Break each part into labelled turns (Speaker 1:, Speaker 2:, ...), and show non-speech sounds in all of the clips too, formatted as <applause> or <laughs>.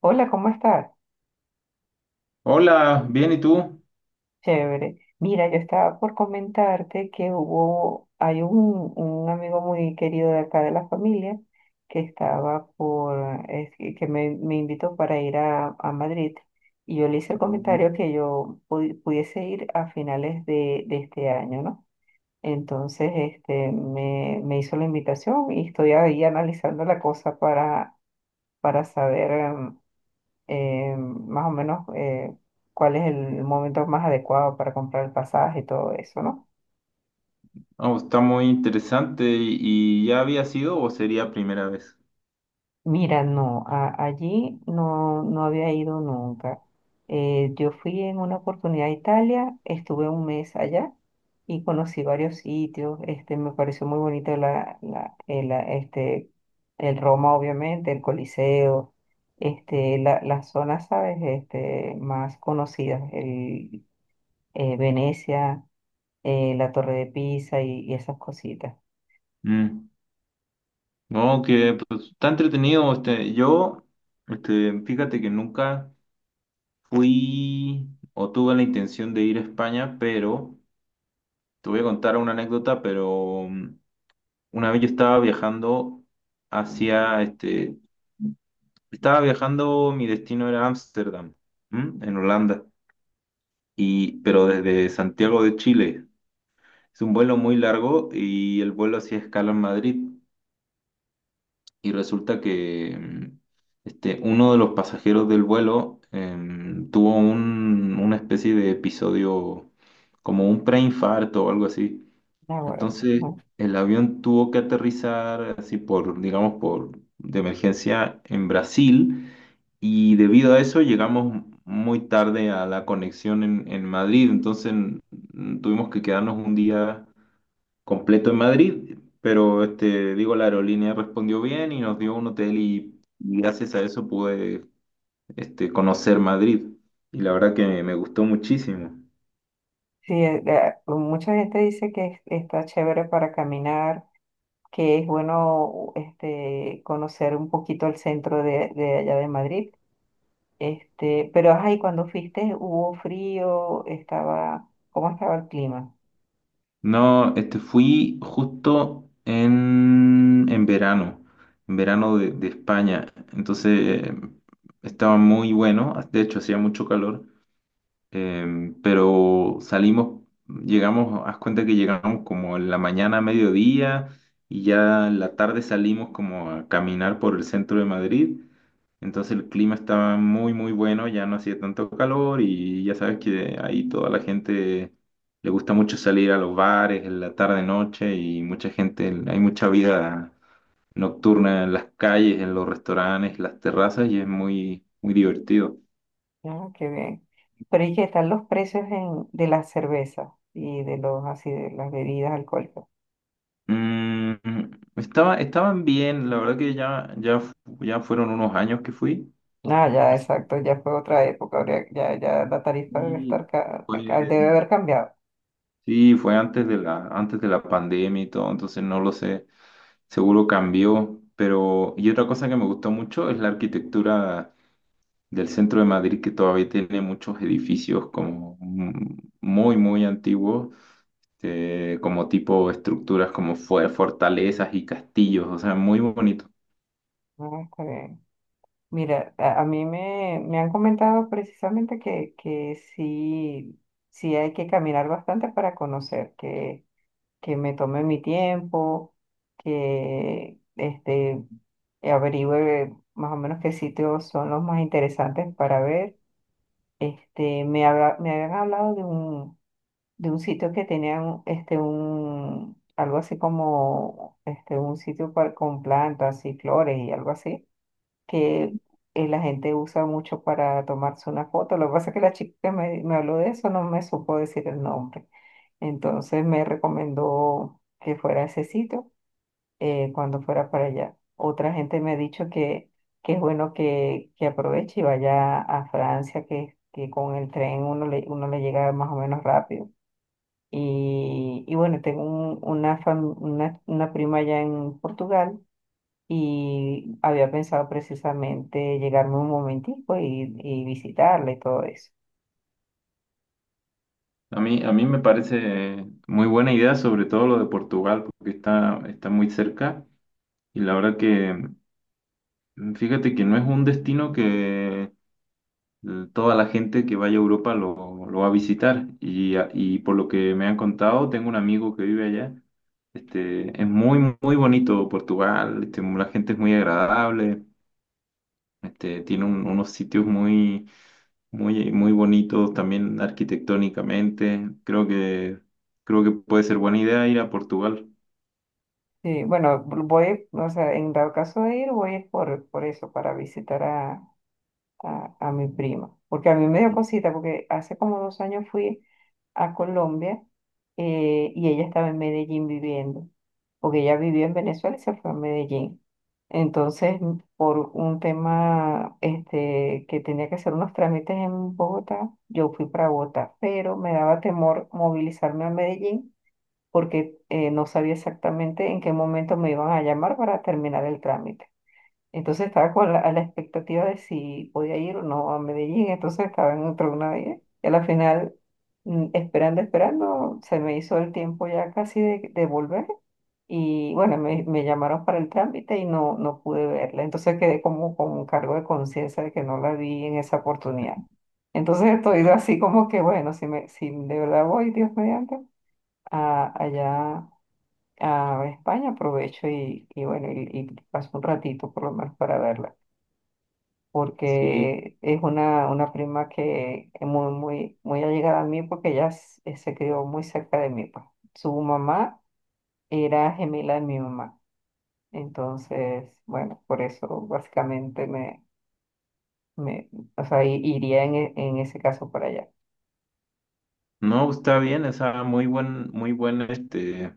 Speaker 1: Hola, ¿cómo estás?
Speaker 2: Hola, bien, ¿y tú?
Speaker 1: Chévere. Mira, yo estaba por comentarte que hay un amigo muy querido de acá de la familia que estaba es que me invitó para ir a Madrid y yo le hice el comentario que yo pudiese ir a finales de este año, ¿no? Entonces, este, me hizo la invitación y estoy ahí analizando la cosa para saber. Más o menos cuál es el momento más adecuado para comprar el pasaje y todo eso, ¿no?
Speaker 2: Oh, está muy interesante. ¿Y ya había sido o sería primera vez?
Speaker 1: Mira, no, allí no había ido nunca. Yo fui en una oportunidad a Italia, estuve un mes allá y conocí varios sitios. Este, me pareció muy bonito este, el Roma, obviamente, el Coliseo, este, las zonas, ¿sabes? Este, más conocidas, Venecia, la Torre de Pisa y esas cositas.
Speaker 2: Mm. No, que pues, está entretenido. Este, yo, este, fíjate que nunca fui o tuve la intención de ir a España, pero te voy a contar una anécdota, pero una vez yo estaba viajando hacia, este, estaba viajando, mi destino era Ámsterdam, ¿m? En Holanda, pero desde Santiago de Chile. Es un vuelo muy largo y el vuelo hacía escala en Madrid. Y resulta que uno de los pasajeros del vuelo tuvo una especie de episodio como un preinfarto o algo así.
Speaker 1: Ahora,
Speaker 2: Entonces
Speaker 1: ujú.
Speaker 2: el avión tuvo que aterrizar así digamos, por de emergencia en Brasil. Y debido a eso llegamos muy tarde a la conexión en Madrid. Entonces tuvimos que quedarnos un día completo en Madrid, pero este, digo, la aerolínea respondió bien y nos dio un hotel y gracias a eso pude conocer Madrid. Y la verdad que me gustó muchísimo.
Speaker 1: Sí, mucha gente dice que está chévere para caminar, que es bueno este, conocer un poquito el centro de allá de Madrid. Este, pero ay, cuando fuiste hubo frío, estaba, ¿cómo estaba el clima?
Speaker 2: No, fui justo en verano, en verano de España. Entonces estaba muy bueno, de hecho hacía mucho calor. Pero salimos, llegamos, haz cuenta que llegamos como en la mañana a mediodía y ya en la tarde salimos como a caminar por el centro de Madrid. Entonces el clima estaba muy, muy bueno, ya no hacía tanto calor y ya sabes que ahí toda la gente le gusta mucho salir a los bares en la tarde, noche y mucha gente, hay mucha vida nocturna en las calles, en los restaurantes, las terrazas y es muy, muy divertido.
Speaker 1: Ah, qué bien. Pero ¿y qué están los precios de la cerveza y de los así de las bebidas alcohólicas?
Speaker 2: Mm, estaban bien, la verdad que ya, ya, ya fueron unos años que fui.
Speaker 1: Ah, ya,
Speaker 2: Así,
Speaker 1: exacto, ya fue otra época, ya, ya la tarifa debe
Speaker 2: y
Speaker 1: estar,
Speaker 2: fue,
Speaker 1: debe haber cambiado.
Speaker 2: sí, fue antes de la pandemia y todo, entonces no lo sé, seguro cambió. Pero, y otra cosa que me gustó mucho es la arquitectura del centro de Madrid, que todavía tiene muchos edificios como muy, muy antiguos, como tipo estructuras como fue fortalezas y castillos, o sea, muy bonito.
Speaker 1: Ah, está bien. Mira, a mí me han comentado precisamente que sí, sí hay que caminar bastante para conocer, que me tome mi tiempo, que este, averigüe más o menos qué sitios son los más interesantes para ver. Este, me habían hablado de un sitio que tenía este, un, algo así como este, un con plantas y flores y algo así, que la gente usa mucho para tomarse una foto. Lo que pasa es que la chica que me habló de eso no me supo decir el nombre. Entonces me recomendó que fuera a ese sitio cuando fuera para allá. Otra gente me ha dicho que es bueno que aproveche y vaya a Francia, que con el tren uno le llega más o menos rápido. Y bueno, tengo una prima allá en Portugal y había pensado precisamente llegarme un momentico y visitarla y todo eso.
Speaker 2: A mí me parece muy buena idea, sobre todo lo de Portugal, porque está muy cerca y la verdad que, fíjate que no es un destino que toda la gente que vaya a Europa lo va a visitar y por lo que me han contado, tengo un amigo que vive allá, es muy, muy bonito Portugal, la gente es muy agradable, tiene unos sitios muy, muy, muy bonitos también arquitectónicamente. Creo que puede ser buena idea ir a Portugal.
Speaker 1: Sí, bueno, voy, o sea, en dado caso de ir, voy es por eso, para visitar a mi prima, porque a mí me dio cosita, porque hace como dos años fui a Colombia, y ella estaba en Medellín viviendo, porque ella vivió en Venezuela y se fue a Medellín. Entonces, por un tema este, que tenía que hacer unos trámites en Bogotá, yo fui para Bogotá, pero me daba temor movilizarme a Medellín porque no sabía exactamente en qué momento me iban a llamar para terminar el trámite. Entonces estaba con a la expectativa de si podía ir o no a Medellín, entonces estaba en otra una vez. Y a la final, esperando, esperando, se me hizo el tiempo ya casi de volver. Y bueno, me llamaron para el trámite y no, no pude verla. Entonces quedé como con un cargo de conciencia de que no la vi en esa oportunidad.
Speaker 2: <laughs>
Speaker 1: Entonces estoy así como que, bueno, si, me, si de verdad voy, Dios mediante, allá a España, aprovecho y bueno, y paso un ratito por lo menos para verla
Speaker 2: Sí,
Speaker 1: porque es una prima que es muy, muy, muy allegada a mí porque se crió muy cerca de mí, pues. Su mamá era gemela de mi mamá. Entonces, bueno, por eso básicamente me, me o sea, iría en ese caso para allá.
Speaker 2: no, está bien, o sea, muy buen, muy buen, este,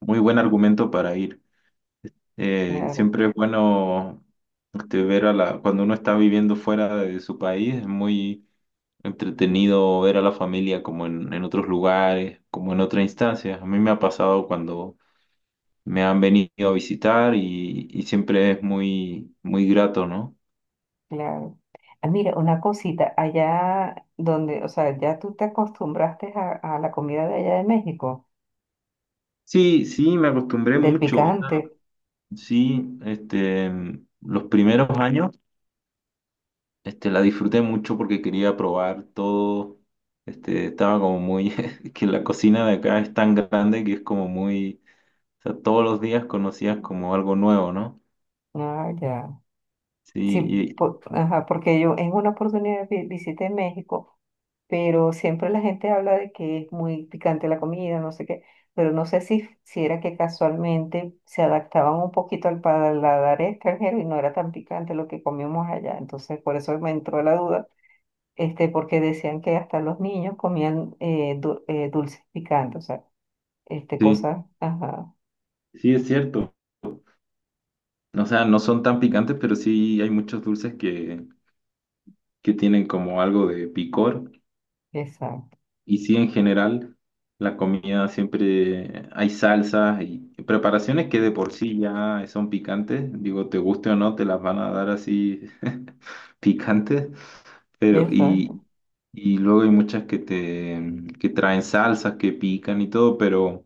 Speaker 2: muy buen argumento para ir. Eh,
Speaker 1: Claro,
Speaker 2: siempre es bueno ver cuando uno está viviendo fuera de su país, es muy entretenido ver a la familia como en otros lugares, como en otra instancia. A mí me ha pasado cuando me han venido a visitar y siempre es muy, muy grato, ¿no?
Speaker 1: claro. Ah, mira, una cosita, allá donde, o sea, ya tú te acostumbraste a la comida de allá de México,
Speaker 2: Sí, sí, me acostumbré
Speaker 1: del
Speaker 2: mucho. O sea,
Speaker 1: picante.
Speaker 2: sí, los primeros años, la disfruté mucho porque quería probar todo. Estaba como muy, <laughs> que la cocina de acá es tan grande que es como muy, o sea, todos los días conocías como algo nuevo, ¿no?
Speaker 1: Ah, ya.
Speaker 2: Sí,
Speaker 1: Sí,
Speaker 2: y-
Speaker 1: ajá, porque yo en una oportunidad visité México, pero siempre la gente habla de que es muy picante la comida, no sé qué, pero no sé si era que casualmente se adaptaban un poquito al paladar extranjero y no era tan picante lo que comíamos allá. Entonces, por eso me entró la duda, este, porque decían que hasta los niños comían dulces picantes, o sea, este,
Speaker 2: sí,
Speaker 1: cosas, ajá,
Speaker 2: sí es cierto. O sea, no son tan picantes, pero sí hay muchos dulces que tienen como algo de picor.
Speaker 1: exacto,
Speaker 2: Y sí, en general, la comida siempre hay salsas y preparaciones que de por sí ya son picantes. Digo, te guste o no, te las van a dar así <laughs> picantes. Pero, y,
Speaker 1: exacto,
Speaker 2: y luego hay muchas que traen salsas, que pican y todo, pero,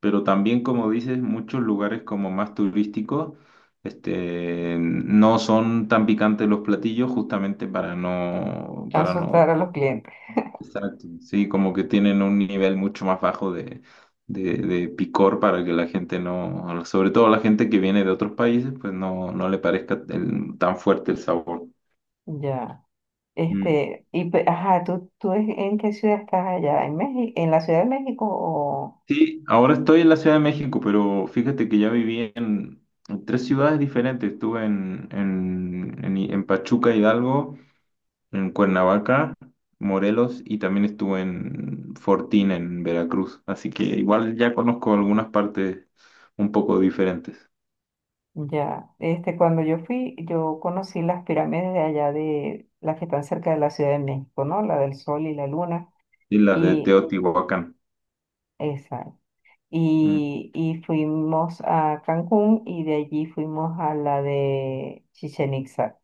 Speaker 2: pero también, como dices, muchos lugares como más turísticos, no son tan picantes los platillos justamente para no.
Speaker 1: asustar a los clientes,
Speaker 2: Exacto, sí, como que tienen un nivel mucho más bajo de picor para que la gente no, sobre todo la gente que viene de otros países, pues no, no le parezca tan fuerte el sabor.
Speaker 1: ya.
Speaker 2: Mm.
Speaker 1: Este, y ajá, tú en qué ciudad estás allá? ¿En México, en la Ciudad de México o
Speaker 2: Sí, ahora estoy en la Ciudad de México, pero fíjate que ya viví en tres ciudades diferentes. Estuve en Pachuca, Hidalgo, en Cuernavaca, Morelos y también estuve en Fortín, en Veracruz. Así que igual ya conozco algunas partes un poco diferentes.
Speaker 1: ya? Este, cuando yo fui, yo conocí las pirámides de allá de las que están cerca de la Ciudad de México, ¿no? La del Sol y la Luna
Speaker 2: Y la de
Speaker 1: y
Speaker 2: Teotihuacán.
Speaker 1: esa.
Speaker 2: Mm,
Speaker 1: Y fuimos a Cancún y de allí fuimos a la de Chichén Itzá.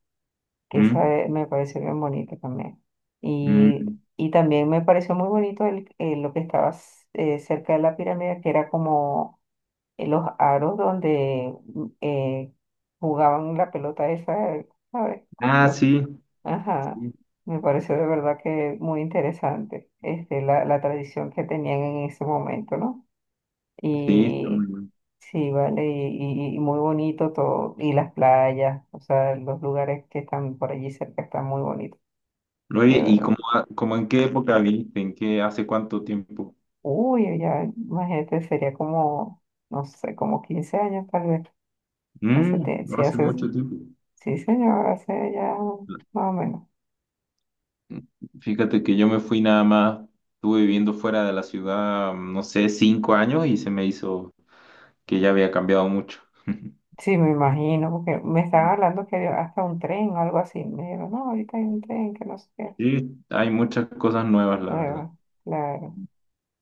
Speaker 1: Que
Speaker 2: mm,
Speaker 1: esa, me pareció bien bonita también. Y,
Speaker 2: mm.
Speaker 1: y también me pareció muy bonito lo que estaba cerca de la pirámide, que era como los aros donde jugaban la pelota esa, ¿sabes?
Speaker 2: Ah,
Speaker 1: ¿No?
Speaker 2: sí,
Speaker 1: Ajá,
Speaker 2: sí,
Speaker 1: me pareció de verdad que muy interesante este, la tradición que tenían en ese momento, ¿no?
Speaker 2: sí, está muy
Speaker 1: Y
Speaker 2: bueno.
Speaker 1: sí, vale, y muy bonito todo, y las playas, o sea, los lugares que están por allí cerca están muy bonitos,
Speaker 2: Oye,
Speaker 1: de
Speaker 2: ¿y
Speaker 1: verdad.
Speaker 2: cómo, en qué época viste? ¿Hace cuánto tiempo?
Speaker 1: Uy, ya, imagínate, sería como, no sé, como 15 años tal vez. Hace,
Speaker 2: Mm,
Speaker 1: tie-
Speaker 2: no
Speaker 1: sí,
Speaker 2: hace
Speaker 1: hace,
Speaker 2: mucho tiempo.
Speaker 1: sí, señor, hace ya más o menos.
Speaker 2: Fíjate que yo me fui nada más, estuve viviendo fuera de la ciudad, no sé, 5 años y se me hizo que ya había cambiado mucho. <laughs>
Speaker 1: Sí, me imagino, porque me estaban hablando que había hasta un tren o algo así. Me dijeron, no, ahorita hay un tren que no sé qué.
Speaker 2: Sí, hay muchas cosas nuevas, la verdad.
Speaker 1: Bueno, claro.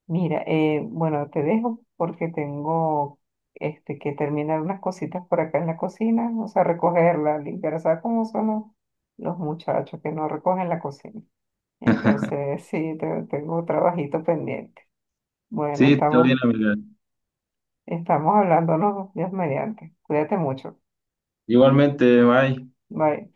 Speaker 1: Mira, bueno, te dejo porque tengo este, que terminar unas cositas por acá en la cocina, o sea, recogerla, limpiar, ¿sabes cómo son los muchachos que no recogen la cocina? Entonces, <laughs> sí, tengo un trabajito pendiente. Bueno,
Speaker 2: Sí, está bien,
Speaker 1: estamos,
Speaker 2: amiga.
Speaker 1: Estamos hablándonos, Dios mediante. Cuídate mucho.
Speaker 2: Igualmente, bye.
Speaker 1: Bye.